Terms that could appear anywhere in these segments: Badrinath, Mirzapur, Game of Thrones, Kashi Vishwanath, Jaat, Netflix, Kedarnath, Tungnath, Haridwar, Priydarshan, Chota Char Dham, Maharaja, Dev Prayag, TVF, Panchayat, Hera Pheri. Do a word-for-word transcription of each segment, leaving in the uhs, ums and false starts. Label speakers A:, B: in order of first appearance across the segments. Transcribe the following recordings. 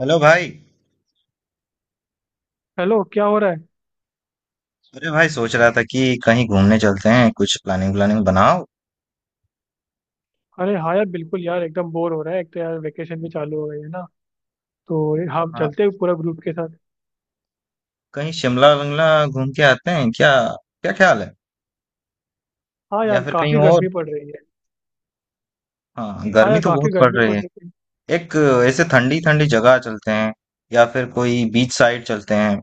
A: Hello भाई।
B: Hello, क्या हो रहा है?
A: अरे भाई, सोच रहा था कि कहीं घूमने चलते हैं, कुछ प्लानिंग व्लानिंग बनाओ।
B: अरे हाँ यार, बिल्कुल यार, एकदम बोर हो रहा है। एक तो यार वेकेशन भी चालू हो गई है ना। तो ये हम
A: हाँ,
B: चलते हैं पूरा ग्रुप के साथ।
A: कहीं शिमला विमला घूम के आते हैं क्या? क्या ख्याल है?
B: हाँ
A: या
B: यार,
A: फिर कहीं
B: काफी
A: और?
B: गर्मी पड़ रही है।
A: हाँ,
B: हाँ
A: गर्मी
B: यार,
A: तो
B: काफी
A: बहुत पड़
B: गर्मी
A: रही
B: पड़
A: है।
B: रही है।
A: एक ऐसे ठंडी ठंडी जगह चलते हैं, या फिर कोई बीच साइड चलते हैं।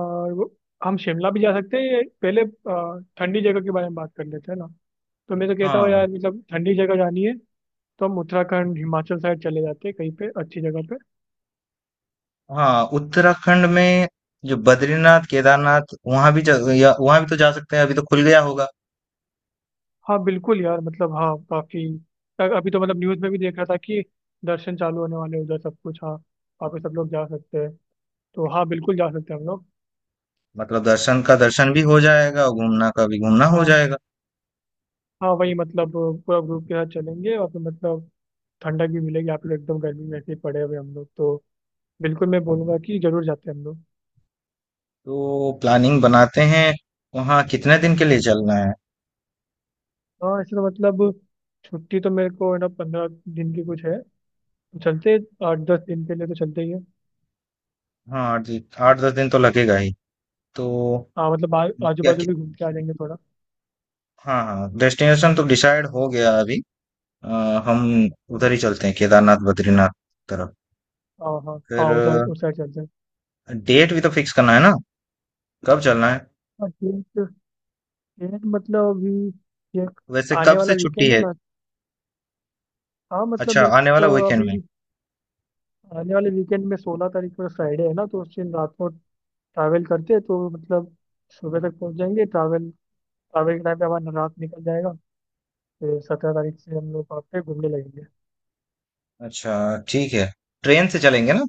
B: और वो- हम शिमला भी जा सकते हैं। ये पहले अ, ठंडी जगह के बारे में बात कर लेते हैं ना। तो मैं तो कहता हूँ
A: हाँ।
B: यार, मतलब ठंडी जगह जानी है। तो हम उत्तराखंड हिमाचल साइड चले जाते हैं कहीं पे अच्छी जगह पे।
A: हाँ उत्तराखंड में जो बद्रीनाथ केदारनाथ, वहां भी जा- या वहां भी तो जा सकते हैं, अभी तो खुल गया होगा।
B: हाँ बिल्कुल यार, मतलब हाँ काफी। अभी तो मतलब न्यूज़ में भी देख रहा था कि दर्शन चालू होने वाले हैं उधर सब कुछ। हाँ, वहाँ पे सब लोग जा सकते हैं। तो हाँ बिल्कुल जा सकते हैं हम लोग।
A: मतलब दर्शन का दर्शन भी हो जाएगा, घूमना का भी घूमना हो
B: हाँ
A: जाएगा।
B: हाँ, वही मतलब। पूरा ग्रुप के साथ चलेंगे और फिर मतलब ठंडक भी मिलेगी। आप लोग एकदम गर्मी में ऐसे ही पड़े हुए, हम लोग तो बिल्कुल, मैं बोलूंगा कि जरूर जाते हैं हम लोग।
A: तो प्लानिंग बनाते हैं, वहाँ कितने दिन के
B: हम्म
A: लिए
B: हम्म।
A: चलना है?
B: हाँ ऐसे तो मतलब छुट्टी तो मेरे को है ना, पंद्रह दिन की कुछ है। तो चलते हैं। आठ दस दिन के लिए तो चलते ही है।
A: हाँ, आठ दिन- आठ दस दिन तो लगेगा ही। तो
B: हाँ मतलब आ, आजू
A: क्या
B: बाजू
A: कि,
B: भी घूम के आ जाएंगे थोड़ा।
A: हाँ, हाँ, डेस्टिनेशन तो डिसाइड हो गया अभी। अ, हम
B: ठीक है।
A: उधर ही चलते हैं, केदारनाथ बद्रीनाथ तरफ।
B: हाँ हाँ हाँ,
A: फिर
B: उस साइड उस साइड चलते हैं।
A: डेट भी तो फिक्स करना है ना, कब चलना है?
B: हाँ, डेट। डेट मतलब अभी ये
A: वैसे
B: आने
A: कब से
B: वाला
A: छुट्टी
B: वीकेंड है
A: है?
B: ना। हाँ मतलब
A: अच्छा,
B: मेरे को
A: आने वाला
B: तो
A: वीकेंड
B: अभी
A: में।
B: आने वाले वीकेंड में सोलह तारीख को फ्राइडे है ना, तो उस दिन रात को ट्रैवल करते हैं, तो मतलब सुबह तक पहुंच जाएंगे। ट्रैवल, ट्रैवल के टाइम पे हमारा रात निकल जाएगा। फिर सत्रह तारीख से हम लोग वहाँ पे घूमने लगेंगे।
A: अच्छा, ठीक है। ट्रेन से चलेंगे ना,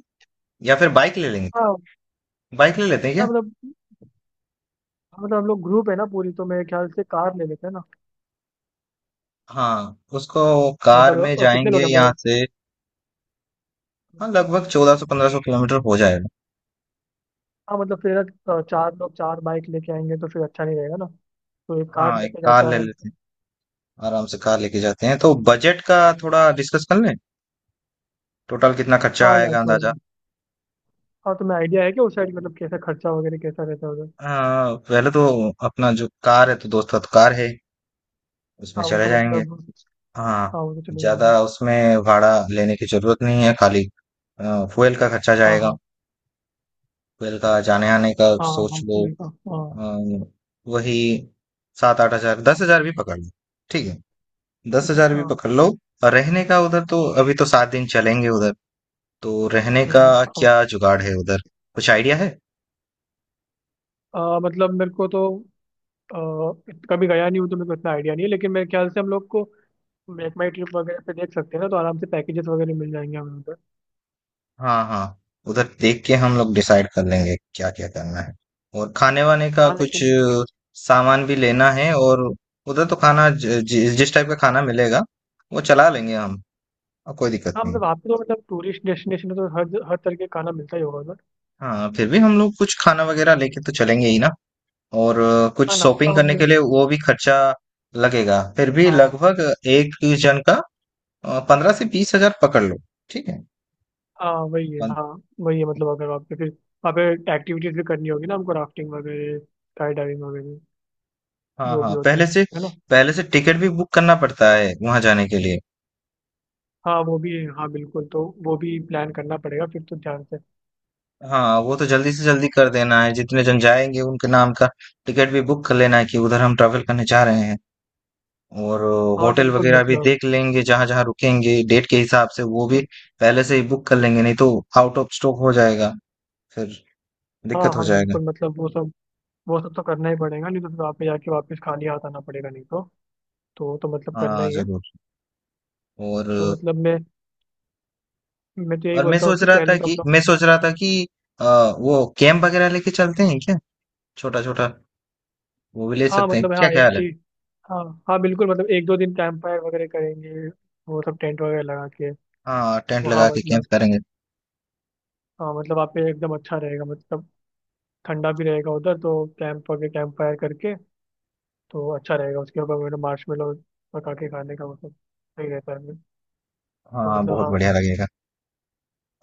A: या फिर बाइक ले लेंगे?
B: हाँ
A: बाइक ले लेते हैं
B: हाँ,
A: क्या?
B: मतलब हाँ, मतलब हम लोग ग्रुप है ना पूरी, तो मेरे ख्याल से कार ले लेते हैं ना।
A: हाँ उसको, कार
B: मतलब
A: में
B: अ, कितने लोग
A: जाएंगे
B: हैं हम
A: यहाँ
B: लोग?
A: से। हाँ, लगभग चौदह सौ पंद्रह सौ किलोमीटर हो जाएगा।
B: हाँ मतलब फिर अ, चार लोग चार बाइक लेके आएंगे तो फिर अच्छा नहीं रहेगा ना। तो एक कार
A: हाँ, एक
B: लेके
A: कार
B: जाते हैं
A: ले
B: आराम
A: लेते
B: से।
A: हैं आराम से। कार लेके जाते हैं तो बजट का थोड़ा डिस्कस कर लें, टोटल कितना खर्चा
B: हाँ यार
A: आएगा
B: थोड़ा।
A: अंदाजा?
B: हाँ, तुम्हें आइडिया है कि उस साइड मतलब कैसा खर्चा वगैरह कैसा रहता है उधर?
A: हाँ, पहले तो अपना जो कार है, तो दोस्त का तो कार है, उसमें
B: हाँ वो
A: चले
B: तो
A: जाएंगे।
B: मतलब।
A: हाँ,
B: हाँ वो तो चले
A: ज्यादा
B: जाएंगे।
A: उसमें भाड़ा लेने की जरूरत नहीं है, खाली फ्यूल का खर्चा
B: हाँ
A: जाएगा।
B: हाँ
A: फ्यूल का जाने आने का
B: हाँ,
A: सोच
B: हम
A: लो।
B: चूहे का हाँ।
A: अ, वही सात आठ हजार, दस हजार भी पकड़ लो। ठीक है, दस
B: ठीक है
A: हजार भी
B: हाँ।
A: पकड़ लो। और रहने का उधर, तो अभी तो सात दिन चलेंगे उधर, तो रहने
B: हम्म
A: का
B: हम्म।
A: क्या जुगाड़ है उधर? कुछ आइडिया है?
B: हाँ आ, मतलब मेरे को तो आ, इत- कभी गया नहीं हूँ तो मेरे को इतना आइडिया नहीं है, लेकिन मेरे ख्याल से हम लोग को मेक माई ट्रिप वगैरह पे देख सकते हैं ना, तो आराम से पैकेजेस वगैरह मिल जाएंगे हमें उधर।
A: हाँ, हाँ, उधर देख के हम लोग डिसाइड कर लेंगे क्या क्या करना है। और खाने वाने का
B: हाँ
A: कुछ
B: लेकिन
A: अ, सामान भी लेना है। और उधर तो खाना ज- जि, जिस टाइप का खाना मिलेगा वो चला लेंगे हम, और कोई दिक्कत
B: हाँ
A: नहीं।
B: मतलब वहाँ पे तो मतलब टूरिस्ट डेस्टिनेशन है, तो हर हर तरह के खाना मिलता ही होगा उधर।
A: हाँ, फिर भी हम लोग कुछ खाना वगैरह लेके तो चलेंगे ही ना। और अ, कुछ
B: हाँ, नाश्ता
A: शॉपिंग करने
B: वगैरह।
A: के लिए वो भी खर्चा लगेगा। फिर भी
B: हाँ
A: लगभग एक जन का पंद्रह से बीस हजार पकड़ लो। ठीक है।
B: हाँ, वही है
A: पन-
B: हाँ। वही है मतलब अगर वहाँ पे फिर वहाँ पे एक्टिविटीज भी करनी होगी ना हमको, राफ्टिंग वगैरह, स्काई डाइविंग वगैरह,
A: हाँ,
B: जो भी
A: हाँ,
B: होता है
A: पहले से,
B: है ना।
A: पहले से टिकट भी बुक करना पड़ता है वहां जाने के लिए।
B: हाँ वो भी है, हाँ बिल्कुल, तो वो भी प्लान करना पड़ेगा फिर तो ध्यान से।
A: हाँ, वो तो जल्दी से जल्दी कर देना है, जितने जन जाएंगे उनके नाम का टिकट भी बुक कर लेना है कि उधर हम ट्रैवल करने जा रहे हैं। और
B: हाँ
A: होटल
B: बिल्कुल
A: वगैरह भी
B: मतलब।
A: देख लेंगे, जहां जहां रुकेंगे डेट के हिसाब से, वो भी पहले से ही बुक कर लेंगे, नहीं तो आउट ऑफ स्टॉक हो जाएगा, फिर
B: हाँ
A: दिक्कत हो
B: हाँ
A: जाएगा।
B: बिल्कुल मतलब वो सब, वो सब तो करना ही पड़ेगा, नहीं तो फिर वहाँ पे जाके वापस खाली हाथ आना पड़ेगा, नहीं तो। तो वो तो मतलब करना
A: हाँ
B: ही है।
A: जरूर। और
B: तो मतलब मैं मैं तो यही
A: और मैं
B: बोलता हूँ
A: सोच
B: कि
A: रहा था
B: पहले तो
A: कि
B: हम लोग
A: मैं सोच रहा था कि अ, वो कैंप वगैरह लेके चलते हैं क्या? छोटा छोटा वो भी ले
B: हाँ
A: सकते हैं,
B: मतलब
A: क्या
B: हाँ ए,
A: ख्याल है?
B: ए, हाँ हाँ बिल्कुल मतलब एक दो दिन कैंप फायर वगैरह करेंगे, वो सब टेंट वगैरह लगा के।
A: हाँ, टेंट
B: वो हाँ
A: लगा के कैंप
B: मतलब
A: करेंगे।
B: हाँ मतलब वहाँ पे एकदम अच्छा रहेगा मतलब, ठंडा भी रहेगा उधर, तो कैंप वगैरह कैंप फायर करके तो वो अच्छा रहेगा। उसके ऊपर मैंने मार्शमेलो पका के खाने का मतलब सही रहता है। तो
A: हाँ,
B: मतलब
A: बहुत
B: हाँ।
A: बढ़िया लगेगा।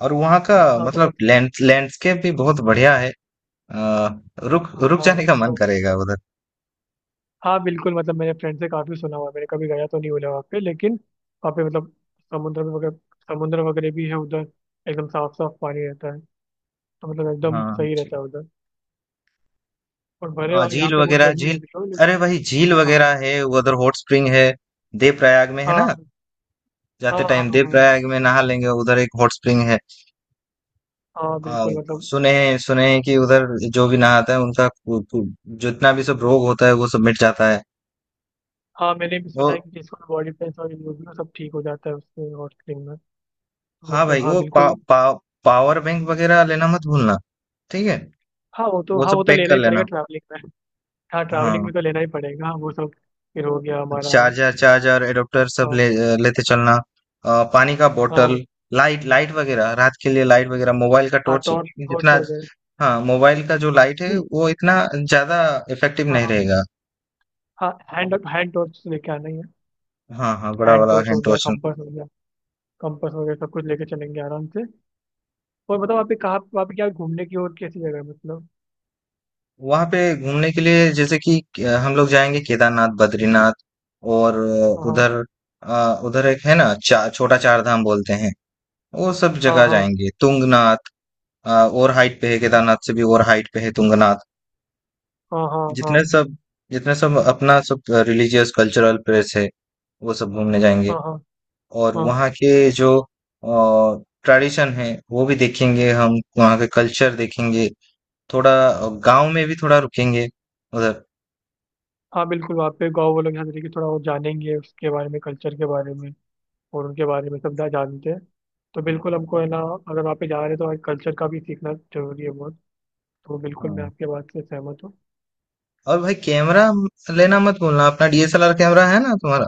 A: और वहाँ का
B: हाँ तो
A: मतलब
B: मतलब।
A: लैंड लैंडस्केप भी बहुत बढ़िया है। आ, रुक
B: हाँ
A: रुक
B: हाँ
A: जाने का मन
B: तो-
A: करेगा उधर।
B: हाँ बिल्कुल मतलब, मैंने फ्रेंड से काफ़ी सुना हुआ है, मैंने कभी गया तो नहीं हुआ वहाँ पे, लेकिन वहाँ पे मतलब समुद्र वगैरह समुद्र वगैरह भी है उधर। एकदम साफ साफ पानी रहता है, तो मतलब एकदम
A: हाँ
B: सही रहता
A: ठीक।
B: है उधर। और भले
A: हाँ
B: वहाँ- यहाँ
A: झील
B: पे बहुत
A: वगैरह,
B: गर्मी लग
A: झील
B: रही हो, लेकिन
A: अरे वही झील
B: हाँ
A: वगैरह है उधर। हॉट स्प्रिंग है देव प्रयाग में है ना।
B: हाँ हाँ
A: जाते
B: हाँ
A: टाइम देव
B: हाँ
A: प्रयाग में नहा लेंगे, उधर एक हॉट स्प्रिंग है।
B: हाँ
A: आ,
B: बिल्कुल मतलब
A: सुने हैं, सुने हैं कि उधर जो भी नहाता है उनका कु- कु- जितना भी सब रोग होता है वो सब मिट जाता है।
B: हाँ। मैंने भी
A: वो
B: सुना है कि जिसको बॉडी पेन और न्यूज में सब, ठीक हो जाता है उससे हॉट स्प्रिंग में। तो
A: हाँ
B: मतलब
A: भाई,
B: हाँ
A: वो पा,
B: बिल्कुल।
A: पा, पावर बैंक वगैरह लेना मत भूलना, ठीक है?
B: हाँ वो तो
A: वो
B: हाँ
A: सब
B: वो तो
A: पैक
B: लेना
A: कर
B: ही पड़ेगा
A: लेना।
B: ट्रैवलिंग में। हाँ, ट्रैवलिंग
A: हाँ,
B: में तो लेना ही पड़ेगा हाँ, वो सब। फिर हो गया हमारा हाँ।
A: चार्जर, चार्जर एडोप्टर सब ले लेते चलना। अ, पानी का
B: हाँ
A: बोतल,
B: वो-
A: लाइट लाइट वगैरह रात के लिए, लाइट वगैरह मोबाइल का
B: हाँ
A: टॉर्च।
B: टॉर्च टॉर्च
A: जितना,
B: हो गए।
A: हाँ, मोबाइल का जो लाइट है
B: नहीं,
A: वो इतना ज्यादा इफेक्टिव नहीं
B: हाँ
A: रहेगा।
B: हाँ हैंड हैंड टॉर्च लेके आना ही है।
A: हाँ, हाँ, बड़ा
B: हैंड
A: वाला
B: टॉर्च हो
A: हैंड
B: गया,
A: टॉर्च।
B: कंपास हो गया कंपास हो गया सब कुछ लेके चलेंगे आराम से। और बताओ आप, कहाँ वहाँ पे क्या घूमने की और कैसी जगह है मतलब?
A: वहां पे घूमने के लिए जैसे कि अ, हम लोग जाएंगे केदारनाथ बद्रीनाथ और अ,
B: हाँ
A: उधर अ, उधर एक है ना, चा, छोटा चार धाम बोलते हैं, वो सब
B: हाँ
A: जगह
B: हाँ
A: जाएंगे तुंगनाथ। अ, और हाइट पे है
B: हम्म,
A: केदारनाथ से भी, और हाइट पे है तुंगनाथ।
B: हाँ हाँ हाँ
A: जितने सब जितने सब अपना सब रिलीजियस कल्चरल प्लेस है वो सब घूमने जाएंगे।
B: हाँ हाँ
A: और
B: हाँ
A: वहाँ के जो ट्रेडिशन है वो भी देखेंगे, हम वहाँ के कल्चर देखेंगे थोड़ा। गांव में भी थोड़ा रुकेंगे उधर।
B: हाँ बिल्कुल, वहाँ पे गाँव वालों के साथ लेके थोड़ा वो जानेंगे उसके बारे में, कल्चर के बारे में और उनके बारे में सब ना, जानते हैं। तो बिल्कुल हमको है ना, अगर वहाँ पे जा रहे हैं तो हमारे कल्चर का भी सीखना जरूरी है बहुत। तो बिल्कुल मैं
A: हाँ।
B: आपके बात से सहमत हूँ।
A: और भाई, कैमरा लेना मत भूलना, अपना D S L R camera है ना तुम्हारा?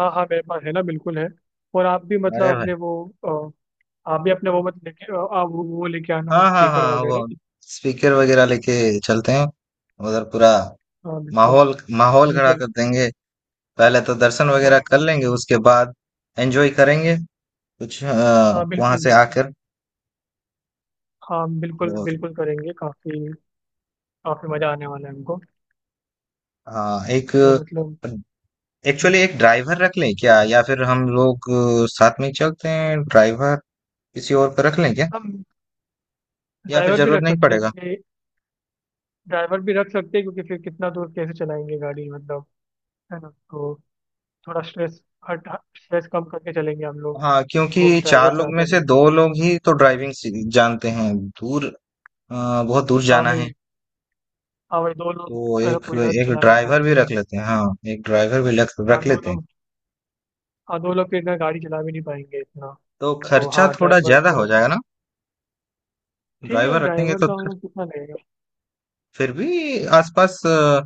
B: हाँ हाँ, मेरे पास है ना, बिल्कुल है। और आप भी
A: अरे
B: मतलब
A: भाई,
B: अपने वो अ, आप भी अपने वो मत लेके अ, आप वो वो लेके आना,
A: हाँ, हाँ,
B: स्पीकर
A: हाँ,
B: वगैरह।
A: वो स्पीकर वगैरह लेके चलते हैं उधर, पूरा
B: हाँ बिल्कुल
A: माहौल, माहौल खड़ा
B: बिल्कुल।
A: कर देंगे। पहले तो दर्शन वगैरह कर लेंगे,
B: हाँ
A: उसके बाद एंजॉय करेंगे कुछ अ,
B: हाँ
A: वहां
B: बिल्कुल
A: से
B: बिल्कुल।
A: आकर।
B: हाँ बिल्कुल
A: और
B: बिल्कुल करेंगे काफ़ी, काफ़ी मज़ा आने वाला है हमको।
A: अ, एक
B: तो मतलब हम्म,
A: एक्चुअली एक ड्राइवर रख लें क्या, या फिर हम लोग अ, साथ में ही चलते हैं? ड्राइवर किसी और को रख लें क्या,
B: हम
A: या फिर
B: ड्राइवर भी
A: जरूरत
B: रख
A: नहीं
B: सकते हैं
A: पड़ेगा?
B: क्योंकि ड्राइवर भी रख सकते हैं क्योंकि फिर कितना दूर कैसे चलाएंगे गाड़ी, मतलब है ना तो थोड़ा स्ट्रेस हट स्ट्रेस कम करके चलेंगे हम लोग।
A: हाँ,
B: तो
A: क्योंकि चार
B: ड्राइवर से
A: लोग
B: आता
A: में से दो
B: रहेगा।
A: लोग ही तो ड्राइविंग सी- जानते हैं। दूर, अ, बहुत दूर
B: हाँ
A: जाना
B: भाई,
A: है।
B: हाँ भाई, दो लोग
A: तो
B: अ,
A: एक,
B: पूरा
A: एक
B: चला नहीं
A: ड्राइवर
B: पाएंगे
A: भी
B: फिर।
A: रख लेते हैं। हाँ, एक ड्राइवर भी रख
B: हाँ
A: रख
B: दो
A: लेते हैं।
B: लोग, हाँ दो लोग के इतना गाड़ी चला भी नहीं पाएंगे इतना।
A: तो
B: तो
A: खर्चा
B: हाँ
A: थोड़ा
B: ड्राइवर
A: ज्यादा
B: तो
A: हो
B: रख दो।
A: जाएगा ना?
B: ठीक है,
A: ड्राइवर रखेंगे
B: ड्राइवर
A: तो
B: का हम
A: फिर
B: लोग कितना लगेगा?
A: फिर भी आसपास, अ,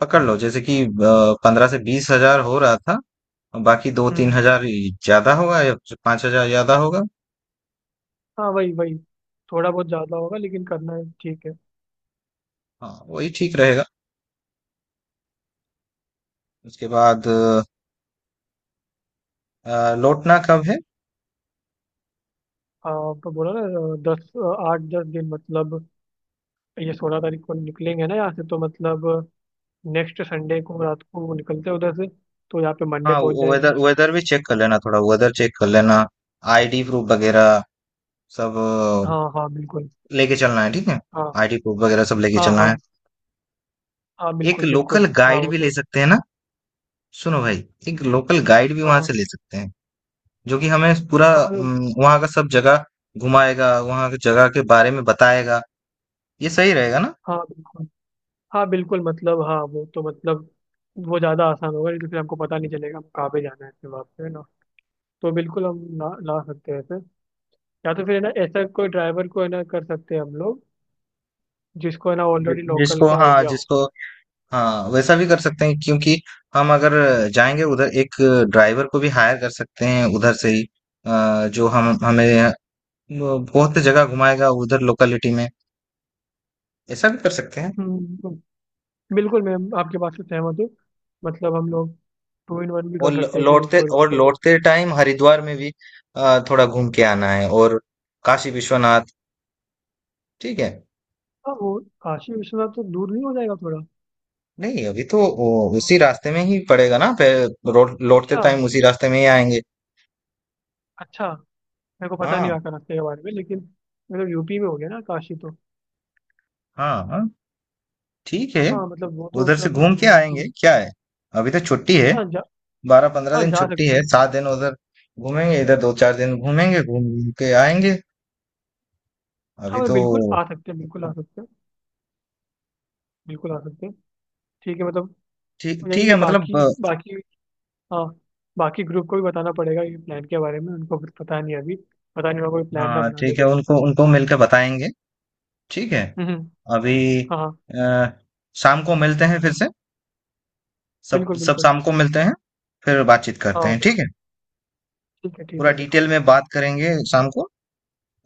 A: पकड़ लो, जैसे कि पंद्रह से बीस हजार हो रहा था, और बाकी दो तीन
B: हम्म।
A: हजार ही ज्यादा होगा या पांच हजार ज्यादा होगा।
B: हाँ वही वही, थोड़ा बहुत ज़्यादा होगा लेकिन करना है, ठीक है।
A: हाँ, वही ठीक रहेगा। उसके बाद अ, लौटना कब है?
B: हाँ तो बोला ना अ, दस अ, आठ दस दिन मतलब, ये सोलह तारीख को निकलेंगे ना यहाँ से, तो मतलब नेक्स्ट संडे को रात को निकलते हैं उधर से, तो यहाँ पे मंडे
A: हाँ,
B: पहुँच जाएंगे।
A: वेदर वेदर भी चेक कर लेना, थोड़ा वेदर चेक कर लेना। आईडी प्रूफ वगैरह सब अ,
B: हाँ हाँ बिल्कुल,
A: लेके चलना है, ठीक है?
B: हाँ
A: आईडी प्रूफ वगैरह सब लेके
B: हाँ
A: चलना
B: हाँ
A: है।
B: हाँ
A: एक
B: बिल्कुल
A: लोकल
B: बिल्कुल, हाँ
A: गाइड
B: वो
A: भी ले
B: तो
A: सकते हैं ना? सुनो भाई, एक लोकल गाइड भी वहां
B: हाँ
A: से ले सकते हैं जो कि हमें पूरा,
B: हाँ हाँ
A: हम्म, वहाँ का सब जगह घुमाएगा, वहाँ की जगह के बारे में बताएगा। ये सही रहेगा ना?
B: हाँ बिल्कुल, हाँ बिल्कुल मतलब हाँ वो तो मतलब वो ज़्यादा आसान होगा, नहीं तो फिर हमको पता नहीं चलेगा हमको कहाँ पे जाना है अपने वहाँ पे, है ना। तो बिल्कुल हम ला ला सकते हैं ऐसे, या तो फिर है ना ऐसा कोई ड्राइवर को है ना कर सकते हैं हम लोग, जिसको है ना
A: जि,
B: ऑलरेडी लोकल
A: जिसको,
B: का
A: हाँ,
B: आइडिया हो
A: जिसको
B: उधर।
A: हाँ वैसा भी कर सकते हैं, क्योंकि हम अगर जाएंगे उधर, एक ड्राइवर को भी हायर कर सकते हैं उधर से ही, अ, जो हम हमें वो बहुत जगह घुमाएगा उधर लोकेलिटी में। ऐसा भी कर सकते हैं।
B: हम्म, बिल्कुल मैम, आपके बात से सहमत हूँ। मतलब हम लोग टू इन वन भी
A: और
B: कर सकते
A: ल-
B: हैं कि
A: लौटते
B: कोई
A: और
B: लोकल का।
A: लौटते टाइम हरिद्वार में भी अ, थोड़ा घूम के आना है, और काशी विश्वनाथ। ठीक है,
B: हाँ, वो काशी विश्वनाथ तो दूर नहीं हो जाएगा थोड़ा?
A: नहीं अभी तो वो
B: वो-
A: उसी रास्ते में ही पड़ेगा ना, पे रोड। लौटते
B: अच्छा,
A: टाइम उसी रास्ते में ही आएंगे।
B: अच्छा, मेरे को पता
A: हाँ,
B: नहीं वाका रास्ते के बारे में, लेकिन मतलब यूपी में हो गया ना काशी तो।
A: हाँ, हाँ। ठीक है,
B: हाँ मतलब वो तो
A: उधर से
B: उत्तराखंड
A: घूम
B: में
A: के
B: होगा तो।
A: आएंगे, क्या है, अभी तो छुट्टी है।
B: हाँ हाँ, जा
A: बारह पंद्रह
B: हाँ
A: दिन
B: जा
A: छुट्टी
B: सकते
A: है,
B: हैं।
A: सात दिन उधर घूमेंगे, इधर दो चार दिन घूमेंगे, घूम घूम के आएंगे
B: हाँ
A: अभी
B: मतलब
A: तो।
B: बिल्कुल आ सकते हैं, बिल्कुल आ सकते हैं, बिल्कुल आ सकते हैं। ठीक है मतलब
A: ठीक, ठीक
B: यही ये
A: है, मतलब
B: बाकी
A: अ,
B: बाकी, हाँ बाकी ग्रुप को भी बताना पड़ेगा ये प्लान के बारे में, उनको कुछ पता नहीं है अभी, पता नहीं होगा कोई प्लान ना
A: हाँ
B: बना ले
A: ठीक है,
B: कोई
A: उनको,
B: दूसरा।
A: उनको मिलकर बताएंगे। ठीक है।
B: हम्म हम्म,
A: अभी
B: हाँ हाँ
A: अ, शाम को मिलते हैं फिर से, सब
B: बिल्कुल
A: सब
B: बिल्कुल,
A: शाम को मिलते हैं। फिर बातचीत करते
B: हाँ
A: हैं, ठीक है।
B: बिल्कुल, ठीक है ठीक
A: पूरा
B: है
A: डिटेल
B: बिल्कुल,
A: में बात करेंगे शाम को।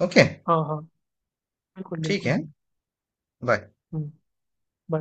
A: ओके,
B: हाँ हाँ बिल्कुल
A: ठीक है।
B: बिल्कुल,
A: बाय।
B: हम्म bye.